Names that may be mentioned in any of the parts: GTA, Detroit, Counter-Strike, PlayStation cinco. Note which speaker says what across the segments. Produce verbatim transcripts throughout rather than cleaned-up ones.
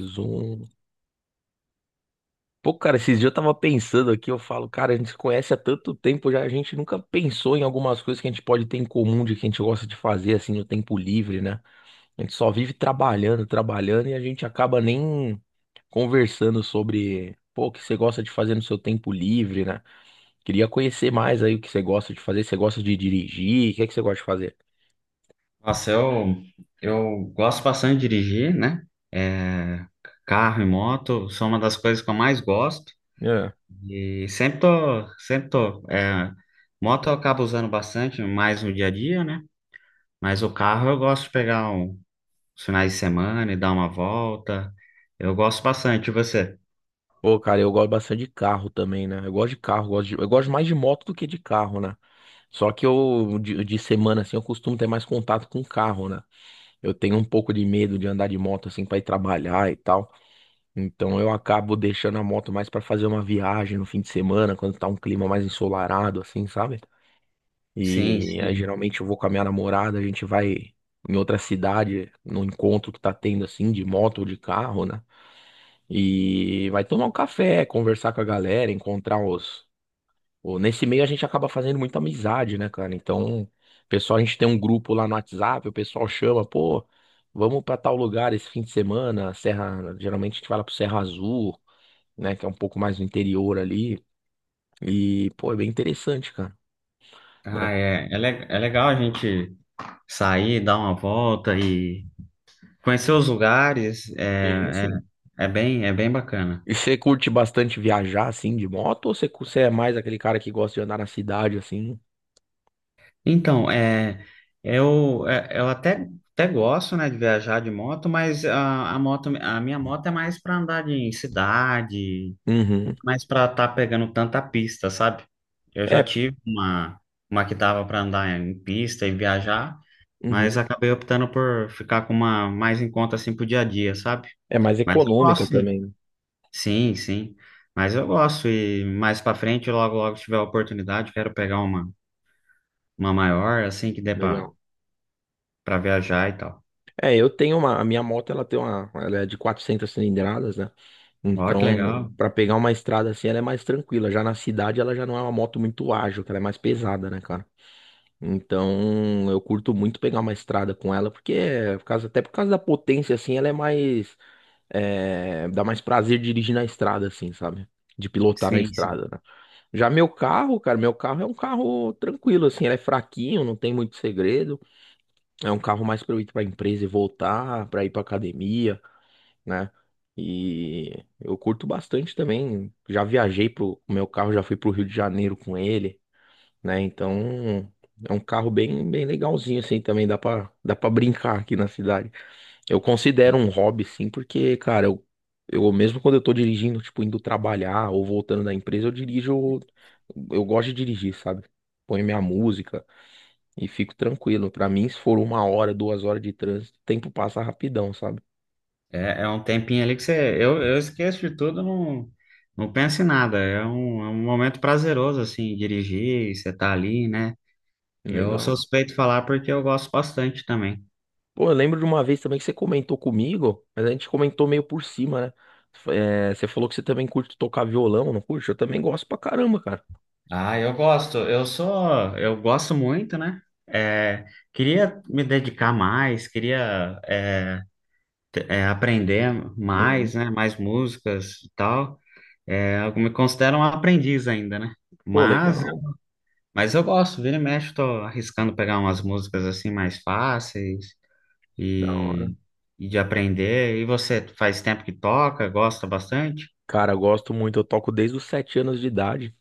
Speaker 1: Zoom. Pô, cara, esses dias eu tava pensando aqui, eu falo, cara, a gente se conhece há tanto tempo já, a gente nunca pensou em algumas coisas que a gente pode ter em comum, de que a gente gosta de fazer, assim, no tempo livre, né? A gente só vive trabalhando, trabalhando e a gente acaba nem conversando sobre, pô, o que você gosta de fazer no seu tempo livre, né? Queria conhecer mais aí o que você gosta de fazer, você gosta de dirigir, o que é que você gosta de fazer?
Speaker 2: Nossa, eu, eu gosto bastante de dirigir, né? É, carro e moto são uma das coisas que eu mais gosto.
Speaker 1: É.
Speaker 2: E sempre tô, sempre tô. é, moto eu acabo usando bastante, mais no dia a dia, né? Mas o carro eu gosto de pegar um, os finais de semana e dar uma volta. Eu gosto bastante. E você?
Speaker 1: Pô, cara, eu gosto bastante de carro também, né? Eu gosto de carro, gosto de- eu gosto mais de moto do que de carro, né? Só que eu, de, de semana, assim, eu costumo ter mais contato com o carro, né? Eu tenho um pouco de medo de andar de moto, assim, para ir trabalhar e tal. Então eu acabo deixando a moto mais para fazer uma viagem no fim de semana, quando tá um clima mais ensolarado, assim, sabe?
Speaker 2: Sim,
Speaker 1: E aí
Speaker 2: sim.
Speaker 1: geralmente eu vou com a minha namorada, a gente vai em outra cidade, no encontro que tá tendo, assim, de moto ou de carro, né? E vai tomar um café, conversar com a galera, encontrar os Pô, nesse meio a gente acaba fazendo muita amizade, né, cara? Então, pessoal, a gente tem um grupo lá no WhatsApp, o pessoal chama, pô, vamos pra tal lugar esse fim de semana, Serra, geralmente a gente vai lá pro Serra Azul, né, que é um pouco mais no interior ali, e, pô, é bem interessante, cara,
Speaker 2: Ah,
Speaker 1: né?
Speaker 2: é, é, le- é legal a gente sair, dar uma volta e conhecer os lugares.
Speaker 1: Sim,
Speaker 2: É,
Speaker 1: sim.
Speaker 2: é, é bem, é bem bacana.
Speaker 1: E você curte bastante viajar, assim, de moto, ou você, cu- você é mais aquele cara que gosta de andar na cidade, assim?
Speaker 2: Então, é, eu, é, eu até, até gosto, né, de viajar de moto, mas a, a moto, a minha moto é mais para andar de- em cidade,
Speaker 1: Uhum.
Speaker 2: mais para estar pegando tanta pista, sabe? Eu já
Speaker 1: É,
Speaker 2: tive uma, uma que dava para andar em pista e viajar, mas
Speaker 1: uhum.
Speaker 2: acabei optando por ficar com uma mais em conta assim pro dia a dia, sabe?
Speaker 1: É mais
Speaker 2: Mas eu
Speaker 1: econômica
Speaker 2: gosto, sim.
Speaker 1: também, né?
Speaker 2: Sim, sim. Mas eu gosto e mais para frente, logo logo se tiver a oportunidade, quero pegar uma uma maior assim que dê para
Speaker 1: Legal.
Speaker 2: para viajar e tal.
Speaker 1: É, eu tenho uma, a minha moto, ela tem uma, ela é de quatrocentas cilindradas, né?
Speaker 2: Ó, que
Speaker 1: Então,
Speaker 2: legal.
Speaker 1: pra pegar uma estrada assim, ela é mais tranquila. Já na cidade, ela já não é uma moto muito ágil, que ela é mais pesada, né, cara? Então, eu curto muito pegar uma estrada com ela, porque é, por causa, até por causa da potência, assim, ela é mais, é, dá mais prazer dirigir na estrada, assim, sabe? De pilotar na
Speaker 2: Sim, sim.
Speaker 1: estrada, né? Já meu carro, cara, meu carro é um carro tranquilo, assim, ele é fraquinho, não tem muito segredo. É um carro mais para eu ir para empresa e voltar, para ir para academia, né? E eu curto bastante também. Já viajei pro o meu carro, já fui pro Rio de Janeiro com ele, né? Então é um carro bem, bem legalzinho assim também. Dá para dá para brincar aqui na cidade. Eu considero um hobby sim, porque cara, eu, eu mesmo quando eu tô dirigindo, tipo indo trabalhar ou voltando da empresa, eu dirijo. Eu gosto de dirigir, sabe? Põe minha música. E fico tranquilo. Pra mim, se for uma hora, duas horas de trânsito, o tempo passa rapidão, sabe?
Speaker 2: É, é um tempinho ali que você. Eu, eu esqueço de tudo, não, não penso em nada. É um, é um momento prazeroso, assim, dirigir, você tá ali, né? Eu sou
Speaker 1: Legal.
Speaker 2: suspeito de falar porque eu gosto bastante também.
Speaker 1: Pô, eu lembro de uma vez também que você comentou comigo, mas a gente comentou meio por cima, né? É, você falou que você também curte tocar violão, não curte? Eu também gosto pra caramba, cara.
Speaker 2: Ah, eu gosto. Eu sou. Eu gosto muito, né? É, queria me dedicar mais, queria é, te- é, aprender
Speaker 1: Uhum.
Speaker 2: mais, né? Mais músicas e tal. É, eu me considero um aprendiz ainda, né?
Speaker 1: Pô,
Speaker 2: Mas.
Speaker 1: legal,
Speaker 2: Mas eu gosto, vira e mexe, eu tô arriscando pegar umas músicas assim mais fáceis
Speaker 1: da hora.
Speaker 2: e, e de aprender. E você faz tempo que toca, gosta bastante?
Speaker 1: Cara, eu gosto muito, eu toco desde os sete anos de idade,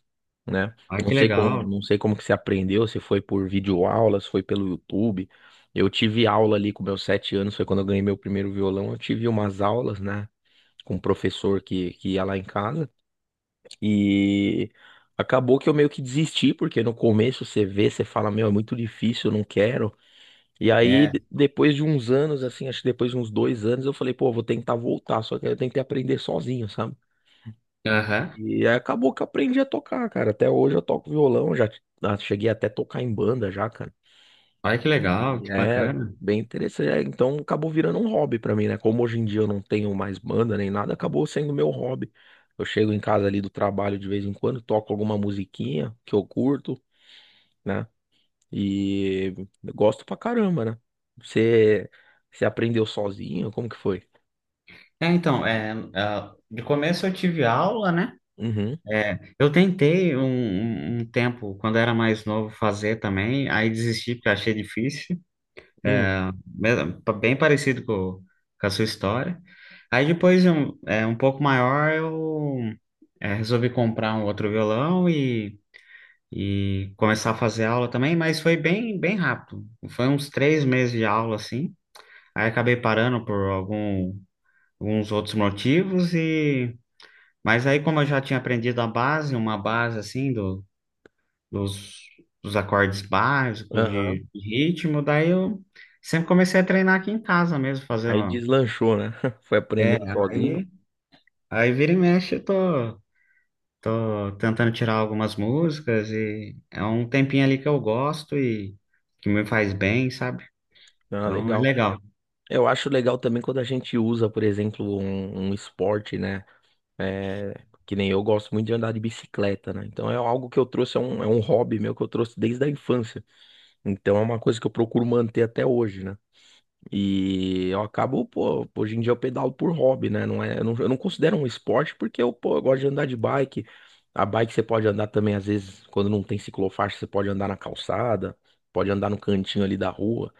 Speaker 1: né?
Speaker 2: Olha que
Speaker 1: Não sei como,
Speaker 2: legal.
Speaker 1: não sei como que você aprendeu, se foi por videoaula, se foi pelo YouTube. Eu tive aula ali com meus sete anos, foi quando eu ganhei meu primeiro violão. Eu tive umas aulas, né? Com um professor que, que ia lá em casa. E acabou que eu meio que desisti, porque no começo você vê, você fala, meu, é muito difícil, eu não quero. E aí,
Speaker 2: É.
Speaker 1: de- depois de uns anos, assim, acho que depois de uns dois anos, eu falei, pô, vou tentar voltar, só que eu tentei aprender sozinho, sabe?
Speaker 2: Aham.
Speaker 1: E aí acabou que eu aprendi a tocar, cara. Até hoje eu toco violão, já ah, cheguei até a tocar em banda já, cara.
Speaker 2: Olha que legal,
Speaker 1: E
Speaker 2: que
Speaker 1: é
Speaker 2: bacana.
Speaker 1: bem interessante. É, então acabou virando um hobby pra mim, né? Como hoje em dia eu não tenho mais banda nem nada, acabou sendo meu hobby. Eu chego em casa ali do trabalho de vez em quando, toco alguma musiquinha que eu curto, né? E eu gosto pra caramba, né? Você, você aprendeu sozinho? Como que foi?
Speaker 2: É, então, é, ah, de começo eu tive aula, né?
Speaker 1: Uhum.
Speaker 2: É, eu tentei um, um um tempo, quando era mais novo, fazer também, aí desisti porque achei difícil.
Speaker 1: Hum.
Speaker 2: É, mesmo- pa- bem parecido com, com a sua história. Aí depois, um, é, um pouco maior, eu é, resolvi comprar um outro violão e, e começar a fazer aula também, mas foi bem, bem rápido. Foi uns três meses de aula, assim. Aí acabei parando por algum, alguns outros motivos e... Mas aí, como eu já tinha aprendido a base, uma base, assim, os, os acordes básicos
Speaker 1: Aham.
Speaker 2: de de ritmo. Daí eu sempre comecei a treinar aqui em casa mesmo, fazer
Speaker 1: Aí
Speaker 2: uma...
Speaker 1: deslanchou, né? Foi
Speaker 2: É,
Speaker 1: aprendendo sozinho.
Speaker 2: aí, aí vira e mexe, eu tô, tô tentando tirar algumas músicas e é um tempinho ali que eu gosto e que me faz bem, sabe?
Speaker 1: Ah,
Speaker 2: Então é
Speaker 1: legal.
Speaker 2: legal.
Speaker 1: Eu acho legal também quando a gente usa, por exemplo, um, um esporte, né? É, que nem eu gosto muito de andar de bicicleta, né? Então é algo que eu trouxe, é um, é um hobby meu que eu trouxe desde a infância. Então é uma coisa que eu procuro manter até hoje, né? E eu acabo, pô, hoje em dia eu pedalo por hobby, né? Não é, eu não, eu não considero um esporte porque eu, pô, eu gosto de andar de bike. A bike você pode andar também, às vezes, quando não tem ciclofaixa, você pode andar na calçada, pode andar no cantinho ali da rua.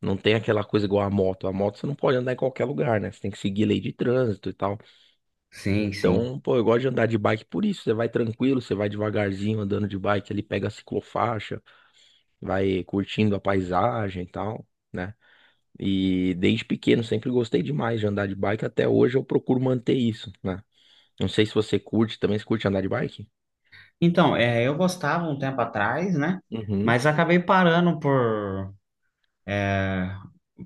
Speaker 1: Não tem aquela coisa igual a moto. A moto você não pode andar em qualquer lugar, né? Você tem que seguir lei de trânsito e tal.
Speaker 2: Sim, sim.
Speaker 1: Então, pô, eu gosto de andar de bike por isso. Você vai tranquilo, você vai devagarzinho andando de bike ali, pega a ciclofaixa, vai curtindo a paisagem e tal, né? E desde pequeno sempre gostei demais de andar de bike. Até hoje eu procuro manter isso, né? Não sei se você curte também, você curte andar de bike?
Speaker 2: Então, é, eu gostava um tempo atrás, né?
Speaker 1: Uhum.
Speaker 2: Mas acabei parando por é,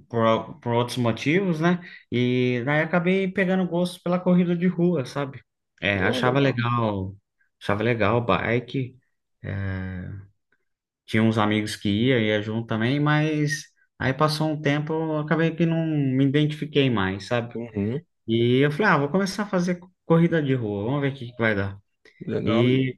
Speaker 2: por, al- por outros motivos, né? E daí acabei pegando gosto pela corrida de rua, sabe? É,
Speaker 1: Pô,
Speaker 2: achava
Speaker 1: legal.
Speaker 2: legal, achava legal o bike. Tinha uns amigos que ia, ia junto também, mas aí passou um tempo, eu acabei que não me identifiquei mais, sabe?
Speaker 1: Uhum.
Speaker 2: E eu falei, ah, vou começar a fazer co- corrida de rua, vamos ver o que que vai dar.
Speaker 1: Legal.
Speaker 2: E,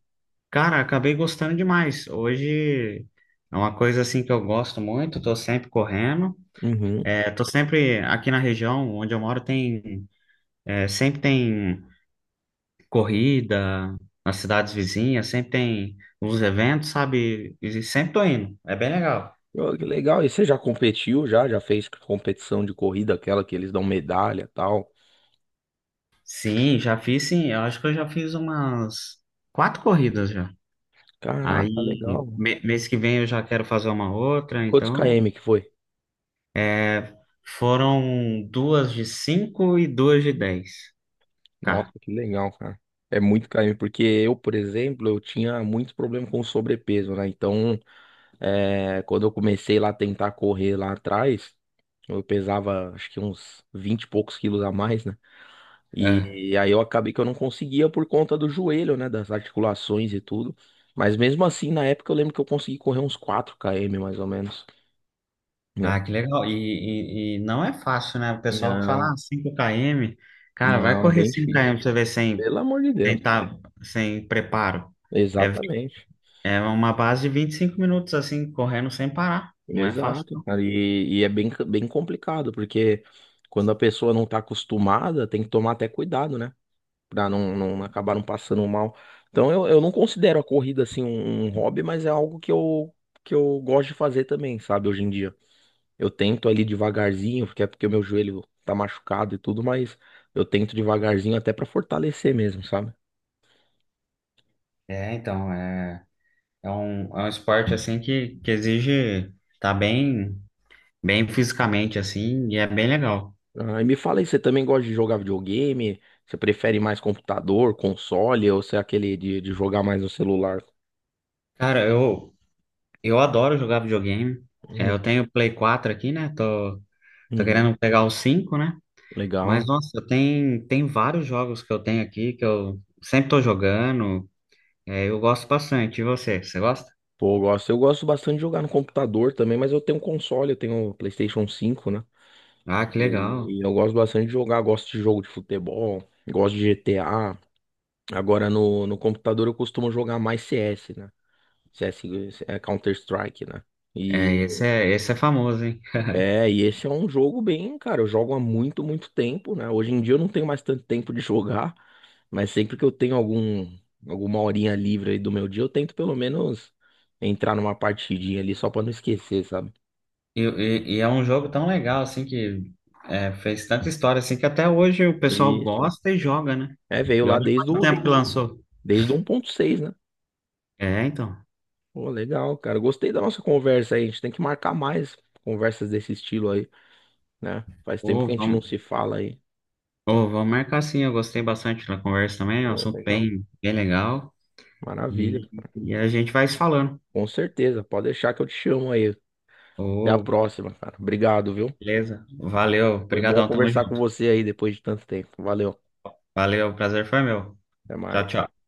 Speaker 2: cara, acabei gostando demais. Hoje é uma coisa assim que eu gosto muito, tô sempre correndo.
Speaker 1: Uhum.
Speaker 2: É, tô sempre aqui na região onde eu moro tem É, sempre tem corrida nas cidades vizinhas, sempre tem os eventos, sabe? E sempre tô indo. É bem legal.
Speaker 1: Pô, que legal. E você já competiu já? Já fez competição de corrida, aquela que eles dão medalha e tal?
Speaker 2: Sim, já fiz, sim. Eu acho que eu já fiz umas quatro corridas já.
Speaker 1: Caraca,
Speaker 2: Aí,
Speaker 1: legal.
Speaker 2: me- mês que vem eu já quero fazer uma outra,
Speaker 1: Quantos
Speaker 2: então,
Speaker 1: km que foi?
Speaker 2: é, foram duas de cinco e duas de dez.
Speaker 1: Nossa,
Speaker 2: Tá.
Speaker 1: que legal, cara. É muito carinho, porque eu, por exemplo, eu tinha muito problema com sobrepeso, né? Então, é, quando eu comecei lá a tentar correr lá atrás, eu pesava acho que uns vinte e poucos quilos a mais, né?
Speaker 2: É.
Speaker 1: E aí eu acabei que eu não conseguia por conta do joelho, né? Das articulações e tudo. Mas mesmo assim, na época eu lembro que eu consegui correr uns quatro quilômetros mais ou menos,
Speaker 2: Ah,
Speaker 1: né?
Speaker 2: que legal. E, e, e não é fácil, né? O pessoal que fala,
Speaker 1: Não,
Speaker 2: ah, cinco quilômetros, cara, vai
Speaker 1: não, é
Speaker 2: correr
Speaker 1: bem
Speaker 2: cinco
Speaker 1: difícil.
Speaker 2: km pra você ver sem
Speaker 1: Pelo amor de
Speaker 2: sem,
Speaker 1: Deus.
Speaker 2: tá, sem preparo. É,
Speaker 1: Exatamente.
Speaker 2: é uma base de vinte e cinco minutos, assim, correndo sem parar. Não é fácil,
Speaker 1: Exato,
Speaker 2: não.
Speaker 1: cara. E, e é bem, bem complicado, porque quando a pessoa não tá acostumada, tem que tomar até cuidado, né? Pra não, não acabar não passando mal. Então eu, eu não considero a corrida assim um, um hobby, mas é algo que eu, que eu gosto de fazer também, sabe? Hoje em dia. Eu tento ali devagarzinho, porque é porque o meu joelho tá machucado e tudo, mas eu tento devagarzinho até pra fortalecer mesmo, sabe?
Speaker 2: É, então, é, é um, é um esporte, assim, que, que exige tá bem, bem fisicamente, assim, e é bem legal.
Speaker 1: Ah, e me fala aí, você também gosta de jogar videogame? Você prefere mais computador, console, ou você é aquele de, de jogar mais no celular?
Speaker 2: Cara, eu, eu adoro jogar videogame. É, eu
Speaker 1: Hum,
Speaker 2: tenho o Play quatro aqui, né? Tô, tô
Speaker 1: Uhum,
Speaker 2: querendo pegar o cinco, né? Mas,
Speaker 1: legal.
Speaker 2: nossa, tem, tem vários jogos que eu tenho aqui que eu sempre tô jogando. É, eu gosto bastante. E você? Você gosta?
Speaker 1: Pô, eu gosto. Eu gosto bastante de jogar no computador também, mas eu tenho um console, eu tenho o PlayStation cinco, né?
Speaker 2: Ah, que legal.
Speaker 1: E, e eu gosto bastante de jogar, gosto de jogo de futebol, gosto de G T A. Agora no, no computador eu costumo jogar mais C S, né? C S é Counter-Strike, né?
Speaker 2: É, esse
Speaker 1: E
Speaker 2: é, esse é famoso, hein?
Speaker 1: é, e esse é um jogo bem, cara, eu jogo há muito, muito tempo, né? Hoje em dia eu não tenho mais tanto tempo de jogar, mas sempre que eu tenho algum, alguma horinha livre aí do meu dia, eu tento pelo menos entrar numa partidinha ali só pra não esquecer, sabe?
Speaker 2: E, e- e é um jogo tão legal, assim, que é, fez tanta história, assim, que até hoje o pessoal
Speaker 1: Isso.
Speaker 2: gosta e joga, né?
Speaker 1: É, veio
Speaker 2: E
Speaker 1: lá
Speaker 2: olha
Speaker 1: desde
Speaker 2: quanto
Speaker 1: o
Speaker 2: tempo que
Speaker 1: do,
Speaker 2: lançou.
Speaker 1: desde o um ponto seis, né?
Speaker 2: É, então.
Speaker 1: Pô, legal, cara. Gostei da nossa conversa aí. A gente tem que marcar mais conversas desse estilo aí, né? Faz tempo
Speaker 2: Ô,
Speaker 1: que a gente não
Speaker 2: vamos,
Speaker 1: se fala aí.
Speaker 2: ô, vamos marcar sim, eu gostei bastante da conversa também, é um
Speaker 1: Pô,
Speaker 2: assunto
Speaker 1: legal.
Speaker 2: bem, bem legal.
Speaker 1: Maravilha.
Speaker 2: E, e a gente vai se falando.
Speaker 1: Com certeza. Pode deixar que eu te chamo aí. Até a
Speaker 2: Ô,
Speaker 1: próxima, cara. Obrigado, viu?
Speaker 2: beleza. Valeu,
Speaker 1: Foi bom
Speaker 2: obrigadão, tamo
Speaker 1: conversar com
Speaker 2: junto.
Speaker 1: você aí depois de tanto tempo. Valeu.
Speaker 2: Valeu, prazer foi meu.
Speaker 1: Até
Speaker 2: Tchau,
Speaker 1: mais.
Speaker 2: tchau.